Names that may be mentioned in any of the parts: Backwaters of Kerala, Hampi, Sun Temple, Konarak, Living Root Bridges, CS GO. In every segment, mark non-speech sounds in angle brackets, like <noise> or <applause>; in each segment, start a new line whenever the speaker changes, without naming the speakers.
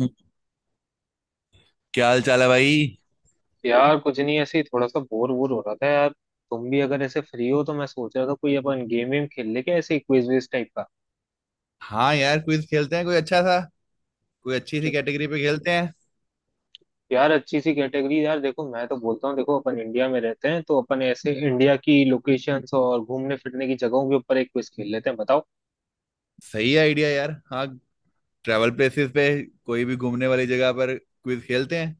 हम्म, क्या हाल चाल है भाई।
यार कुछ नहीं, ऐसे ही थोड़ा सा बोर वोर हो रहा था यार। तुम भी अगर ऐसे फ्री हो तो मैं सोच रहा था कोई अपन गेम वेम खेल ले, क्या, ऐसे क्विज विज टाइप का।
हाँ यार, क्विज खेलते हैं कोई अच्छा सा। कोई अच्छी सी
च-
कैटेगरी पे खेलते हैं।
यार अच्छी सी कैटेगरी, यार देखो, मैं तो बोलता हूँ, देखो अपन इंडिया में रहते हैं तो अपन ऐसे इंडिया की लोकेशंस और घूमने फिरने की जगहों के ऊपर एक क्विज खेल लेते हैं, बताओ।
सही आइडिया यार। हाँ, ट्रैवल प्लेसेस पे। कोई भी घूमने वाली जगह पर क्विज खेलते हैं।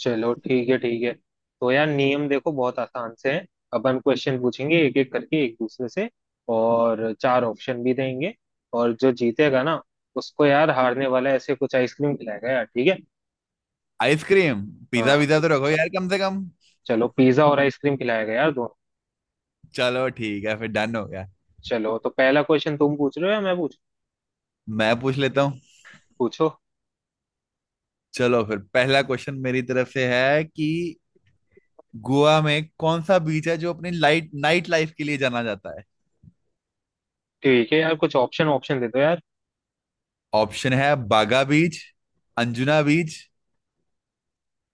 चलो ठीक है ठीक है। तो यार नियम देखो, बहुत आसान से है अपन क्वेश्चन पूछेंगे एक एक करके एक दूसरे से, और चार ऑप्शन भी देंगे। और जो जीतेगा ना, उसको यार हारने वाला ऐसे कुछ आइसक्रीम खिलाएगा यार, ठीक है।
आइसक्रीम? पिज्जा
हाँ।
विज़ा तो रखो यार कम से कम।
चलो पिज्जा और आइसक्रीम खिलाया गया यार दोनों।
चलो ठीक है फिर, डन हो गया।
चलो तो पहला क्वेश्चन तुम पूछ रहे हो या मैं पूछ
मैं पूछ लेता हूँ।
पूछो।
चलो फिर पहला क्वेश्चन मेरी तरफ से है कि गोवा में कौन सा बीच है जो अपनी लाइट नाइट लाइफ के लिए जाना जाता है।
ठीक है यार, कुछ ऑप्शन ऑप्शन दे दो यार।
ऑप्शन है बागा बीच, अंजुना बीच,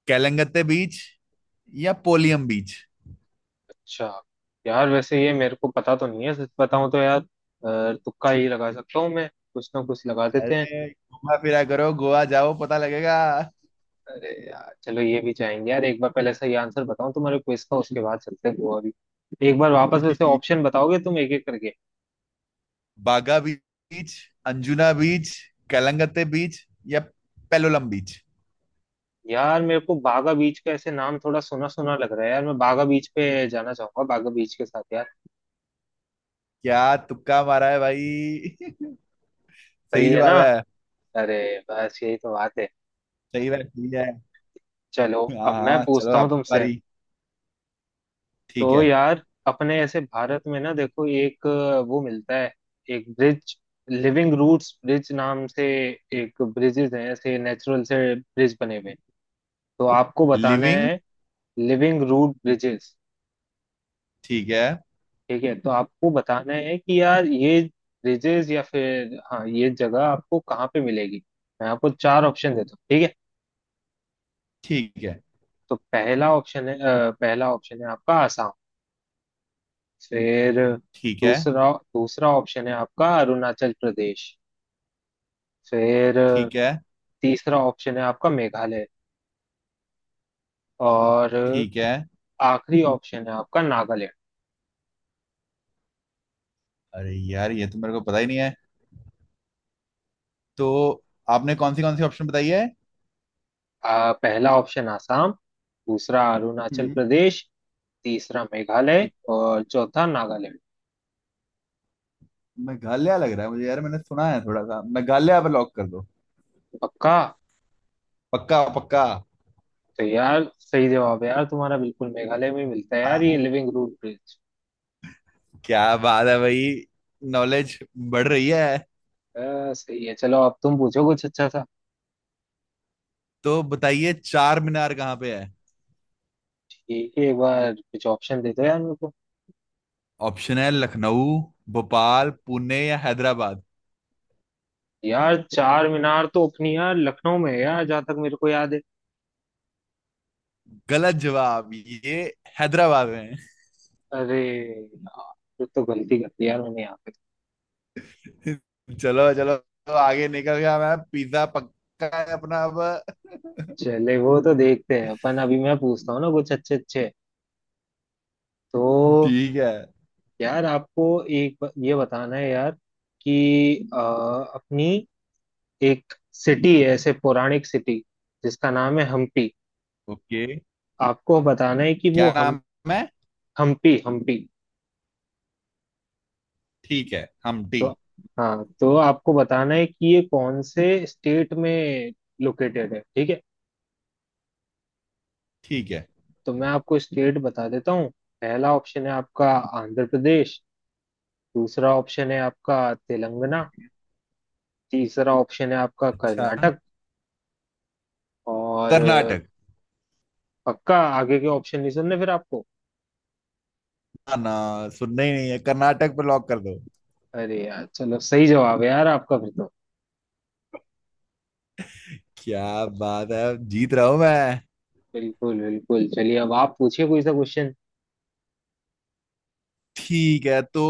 केलंगते बीच या पोलियम बीच।
अच्छा। यार वैसे ये मेरे को पता तो नहीं है, सच बताऊं तो यार तुक्का ही लगा सकता हूँ मैं। कुछ ना कुछ लगा देते हैं।
अरे, घूमा फिरा करो, गोवा जाओ, पता लगेगा।
अरे यार चलो, ये भी जाएंगे यार एक बार, पहले सही आंसर बताऊं तुम्हारे क्विज का, उसके बाद चलते हैं गोवा भी। एक बार वापस वैसे
ठीक।
ऑप्शन बताओगे तुम एक एक करके।
बागा बीच, अंजुना बीच, कलंगते बीच या पेलोलम बीच।
यार मेरे को बागा बीच का ऐसे नाम थोड़ा सुना सुना लग रहा है यार, मैं बागा बीच पे जाना चाहूंगा, बागा बीच के साथ यार।
क्या? तुक्का मारा है भाई। <laughs> सही
सही है ना।
जवाब है।
अरे, बस यही तो बात है।
सही है, सही है।
चलो
हाँ
अब मैं
हाँ, चलो
पूछता हूँ
आपकी
तुमसे।
बारी। ठीक
तो
है।
यार अपने ऐसे भारत में ना, देखो एक वो मिलता है, एक ब्रिज, लिविंग रूट्स ब्रिज नाम से। एक ब्रिजेज हैं ऐसे, नेचुरल से ब्रिज बने हुए। तो आपको बताना
लिविंग।
है। Living root bridges.
ठीक है।
ठीक है तो आपको बताना है कि यार ये ब्रिजेस या फिर हाँ ये जगह आपको कहाँ पे मिलेगी। मैं आपको चार ऑप्शन देता हूँ, ठीक है।
ठीक है।
तो पहला ऑप्शन है पहला ऑप्शन है आपका आसाम। फिर
ठीक है।
दूसरा दूसरा ऑप्शन है आपका अरुणाचल प्रदेश। फिर
ठीक है।
तीसरा ऑप्शन है आपका मेघालय। और
ठीक है।
आखिरी ऑप्शन है आपका नागालैंड।
अरे यार, ये तो मेरे को पता ही नहीं है। तो आपने कौन सी ऑप्शन बताई है?
पहला ऑप्शन आसाम, दूसरा अरुणाचल
हम्म।
प्रदेश, तीसरा मेघालय और चौथा नागालैंड।
मेघालय लग रहा है मुझे यार, मैंने सुना है थोड़ा सा। मेघालय पे लॉक कर दो।
पक्का।
पक्का पक्का।
तो यार सही जवाब है यार तुम्हारा, बिल्कुल मेघालय में मिलता है यार ये
हाँ,
लिविंग रूट ब्रिज।
क्या बात है भाई। नॉलेज बढ़ रही है।
सही है, चलो अब तुम पूछो कुछ अच्छा सा।
तो बताइए चार मीनार कहाँ पे है।
ठीक है, एक बार कुछ ऑप्शन दे दो यार मेरे को।
ऑप्शन है लखनऊ, भोपाल, पुणे या हैदराबाद।
यार चार मीनार तो अपनी यार लखनऊ में है यार, जहां तक मेरे को याद है।
गलत जवाब ये। हैदराबाद में।
अरे यार, ये तो गलती कर दी यार मैंने यहाँ पे।
<laughs> चलो चलो, तो आगे निकल गया मैं। पिज्जा पक्का है अपना अब।
चले वो तो देखते हैं अपन, अभी मैं पूछता हूँ ना कुछ अच्छे अच्छे। तो
ठीक है।
यार आपको एक ये बताना है यार, कि अपनी एक सिटी है ऐसे पौराणिक सिटी, जिसका नाम है हम्पी।
ओके।
आपको बताना है कि वो
क्या
हम।
नाम है?
हम्पी हम्पी।
ठीक है, हम डी।
तो हाँ तो आपको बताना है कि ये कौन से स्टेट में लोकेटेड है, ठीक है।
ठीक है।
तो मैं आपको स्टेट बता देता हूँ। पहला ऑप्शन है आपका आंध्र प्रदेश। दूसरा ऑप्शन है आपका तेलंगाना। तीसरा ऑप्शन है आपका
अच्छा।
कर्नाटक। और
कर्नाटक।
पक्का, आगे के ऑप्शन नहीं सुनने फिर आपको।
ना, सुनना ही नहीं है, कर्नाटक पे लॉक कर दो।
अरे यार चलो, सही जवाब है यार आपका फिर तो।
क्या बात है, जीत रहा हूं मैं।
बिल्कुल बिल्कुल, चलिए अब आप पूछिए कोई सा क्वेश्चन।
ठीक है। तो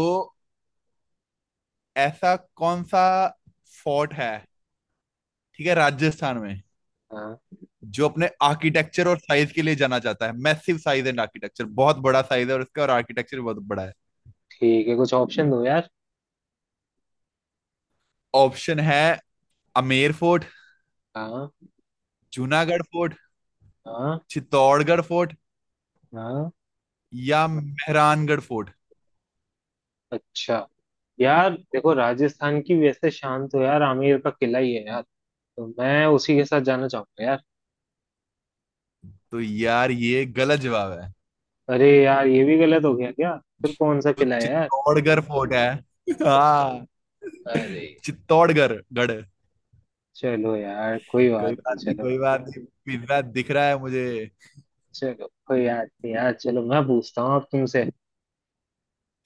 ऐसा कौन सा फोर्ट है, ठीक है, राजस्थान में,
हाँ।
जो अपने आर्किटेक्चर और साइज के लिए जाना जाता है। मैसिव साइज एंड आर्किटेक्चर, बहुत बड़ा साइज है और इसका और आर्किटेक्चर बहुत बड़ा है।
ठीक है, कुछ ऑप्शन दो यार।
ऑप्शन है अमेर फोर्ट,
हाँ
जूनागढ़ फोर्ट,
हाँ
चित्तौड़गढ़ फोर्ट
हाँ।
या मेहरानगढ़ फोर्ट।
अच्छा। यार देखो राजस्थान की वैसे शान तो यार आमेर का किला ही है यार, तो मैं उसी के साथ जाना चाहूंगा यार।
तो यार, ये गलत जवाब है।
अरे यार ये भी गलत हो गया क्या। फिर कौन सा
तो
किला यार।
चित्तौड़गढ़ फोर्ट है। हाँ,
अरे।
चित्तौड़गढ़ गढ़।
चलो यार कोई
कोई
बात नहीं,
बात नहीं,
चलो।
कोई बात नहीं, पिज्जा दिख रहा है मुझे।
चलो कोई बात नहीं यार, चलो मैं पूछता हूँ अब तुमसे।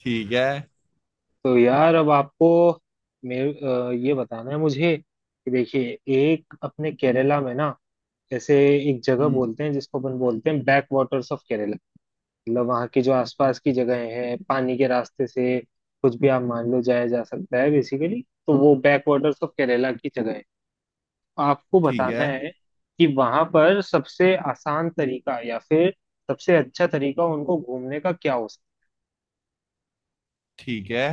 ठीक है।
तो यार अब आपको मेरे ये बताना है मुझे कि देखिए, एक अपने केरला में ना, जैसे एक जगह
हम्म।
बोलते हैं जिसको अपन बोलते हैं बैक वाटर्स ऑफ केरला। मतलब वहाँ की जो आसपास की जगहें हैं, पानी के रास्ते से कुछ भी आप मान लो जाया जा सकता है बेसिकली। तो वो बैक वाटर्स ऑफ केरला की जगह है। आपको
ठीक
बताना
है।
है कि वहां पर सबसे आसान तरीका, या फिर सबसे अच्छा तरीका उनको घूमने का क्या हो सकता है।
ठीक है।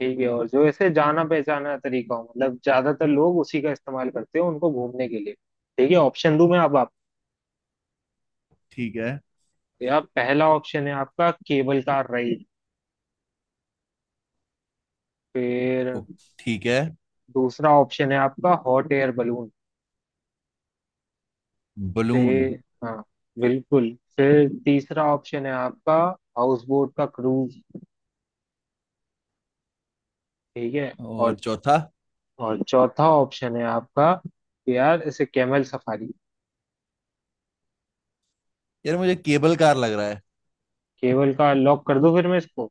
ठीक है, और जो ऐसे जाना पहचाना तरीका हो, मतलब ज्यादातर लोग उसी का इस्तेमाल करते हैं उनको घूमने के लिए। ठीक है, ऑप्शन दूं मैं अब आपको।
ठीक है।
या पहला ऑप्शन है आपका केबल कार राइड। फिर
ओ, ठीक है।
दूसरा ऑप्शन है आपका हॉट एयर बलून।
बलून।
फिर हाँ, बिल्कुल, फिर तीसरा ऑप्शन है आपका हाउस बोट का क्रूज, ठीक है।
और
और
चौथा?
और चौथा ऑप्शन है आपका कि यार इसे कैमल सफारी।
यार, मुझे केबल कार लग रहा है।
केवल का लॉक कर दो फिर मैं इसको।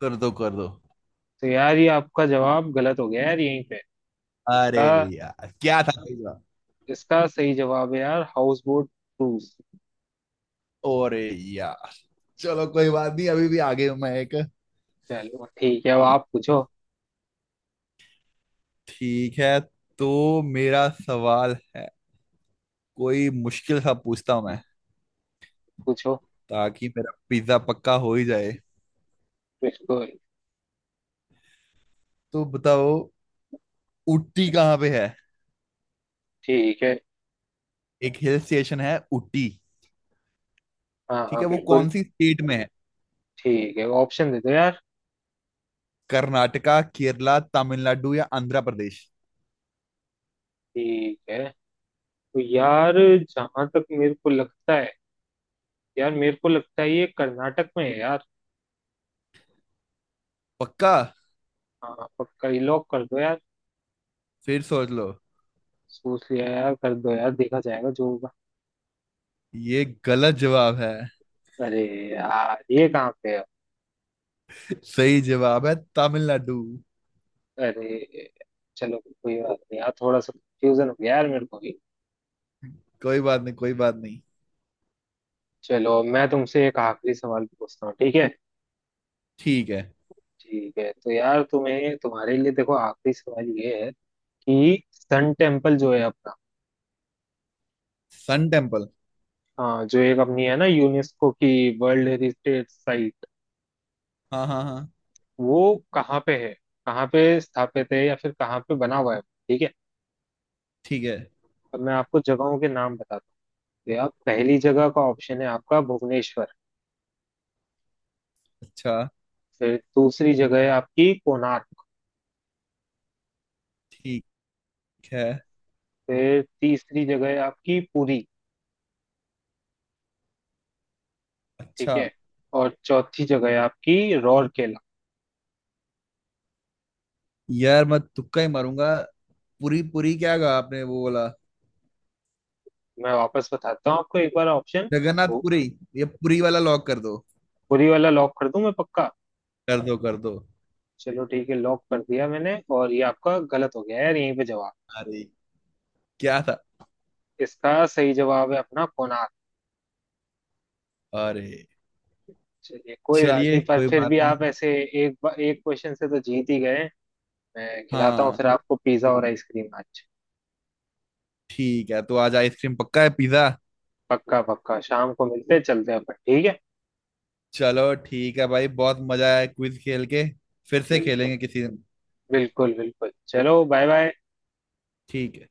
कर दो कर दो।
तो यार ये आपका जवाब गलत हो गया यार यहीं पे।
अरे
इसका,
यार, क्या था तीसरा?
इसका सही जवाब है यार हाउस बोट क्रूज।
अरे यार, चलो कोई बात नहीं, अभी भी आगे हूं मैं एक।
चलो ठीक है, अब आप पूछो।
ठीक है। तो मेरा सवाल है, कोई मुश्किल सा पूछता हूं मैं,
पूछो।
ताकि मेरा पिज्जा पक्का हो ही जाए।
बिल्कुल।
तो बताओ, उटी कहाँ पे है?
ठीक है।
एक हिल स्टेशन है उटी।
हाँ
ठीक
हाँ,
है, वो
बिल्कुल।
कौन सी स्टेट में है?
ठीक है, ऑप्शन दे दो यार।
कर्नाटका, केरला, तमिलनाडु या आंध्र प्रदेश।
ठीक है। तो यार जहां तक मेरे को लगता है, यार मेरे को लगता है ये कर्नाटक में है यार।
पक्का?
हाँ पक्का, ये लॉक कर दो यार।
फिर सोच लो।
सोच लिया यार, कर दो यार, देखा जाएगा जो होगा।
ये गलत जवाब है।
अरे यार, ये कहाँ पे है।
<laughs> सही जवाब है तमिलनाडु।
अरे, चलो कोई बात नहीं यार, थोड़ा सा कंफ्यूजन हो गया यार मेरे को भी।
कोई बात नहीं, कोई बात नहीं।
चलो मैं तुमसे एक आखिरी सवाल पूछता हूँ, ठीक है।
ठीक है।
ठीक है तो यार तुम्हें, तुम्हारे लिए देखो आखिरी सवाल ये है कि सन टेम्पल जो है अपना।
Sun temple.
हाँ जो एक अपनी है ना यूनेस्को की वर्ल्ड हेरिटेज साइट।
हाँ हाँ हाँ।
वो कहाँ पे है, कहाँ पे स्थापित है या फिर कहाँ पे बना हुआ है, ठीक है।
ठीक है।
अब मैं आपको जगहों के नाम बताता हूँ। भैया पहली जगह का ऑप्शन है आपका भुवनेश्वर।
अच्छा।
फिर दूसरी जगह है आपकी कोणार्क।
ठीक है।
फिर तीसरी जगह है आपकी पुरी,
अच्छा।
ठीक है। और चौथी जगह है आपकी राउरकेला।
यार मैं तुक्का ही मारूंगा। पुरी पुरी क्या कहा आपने, वो बोला
मैं वापस बताता हूँ आपको एक बार ऑप्शन।
जगन्नाथ
वो
पुरी। ये पुरी वाला लॉक कर दो।
पुरी वाला लॉक कर दूं मैं, पक्का।
कर दो कर दो।
चलो ठीक है लॉक कर दिया मैंने, और ये आपका गलत हो गया यार यहीं पे जवाब।
अरे, क्या था?
इसका सही जवाब है अपना कोणार्क।
अरे,
चलिए कोई बात
चलिए
नहीं, पर
कोई
फिर
बात
भी
नहीं।
आप ऐसे एक एक क्वेश्चन से तो जीत ही गए, मैं खिलाता हूँ
हाँ,
फिर आपको पिज्जा और आइसक्रीम आज।
ठीक है, तो आज आइसक्रीम पक्का है, पिज्जा।
पक्का पक्का, शाम को मिलते हैं, चलते हैं अपन, ठीक है।
चलो ठीक है भाई, बहुत मजा आया क्विज खेल के। फिर से
बिल्कुल
खेलेंगे किसी दिन।
बिल्कुल बिल्कुल, चलो बाय बाय।
ठीक है।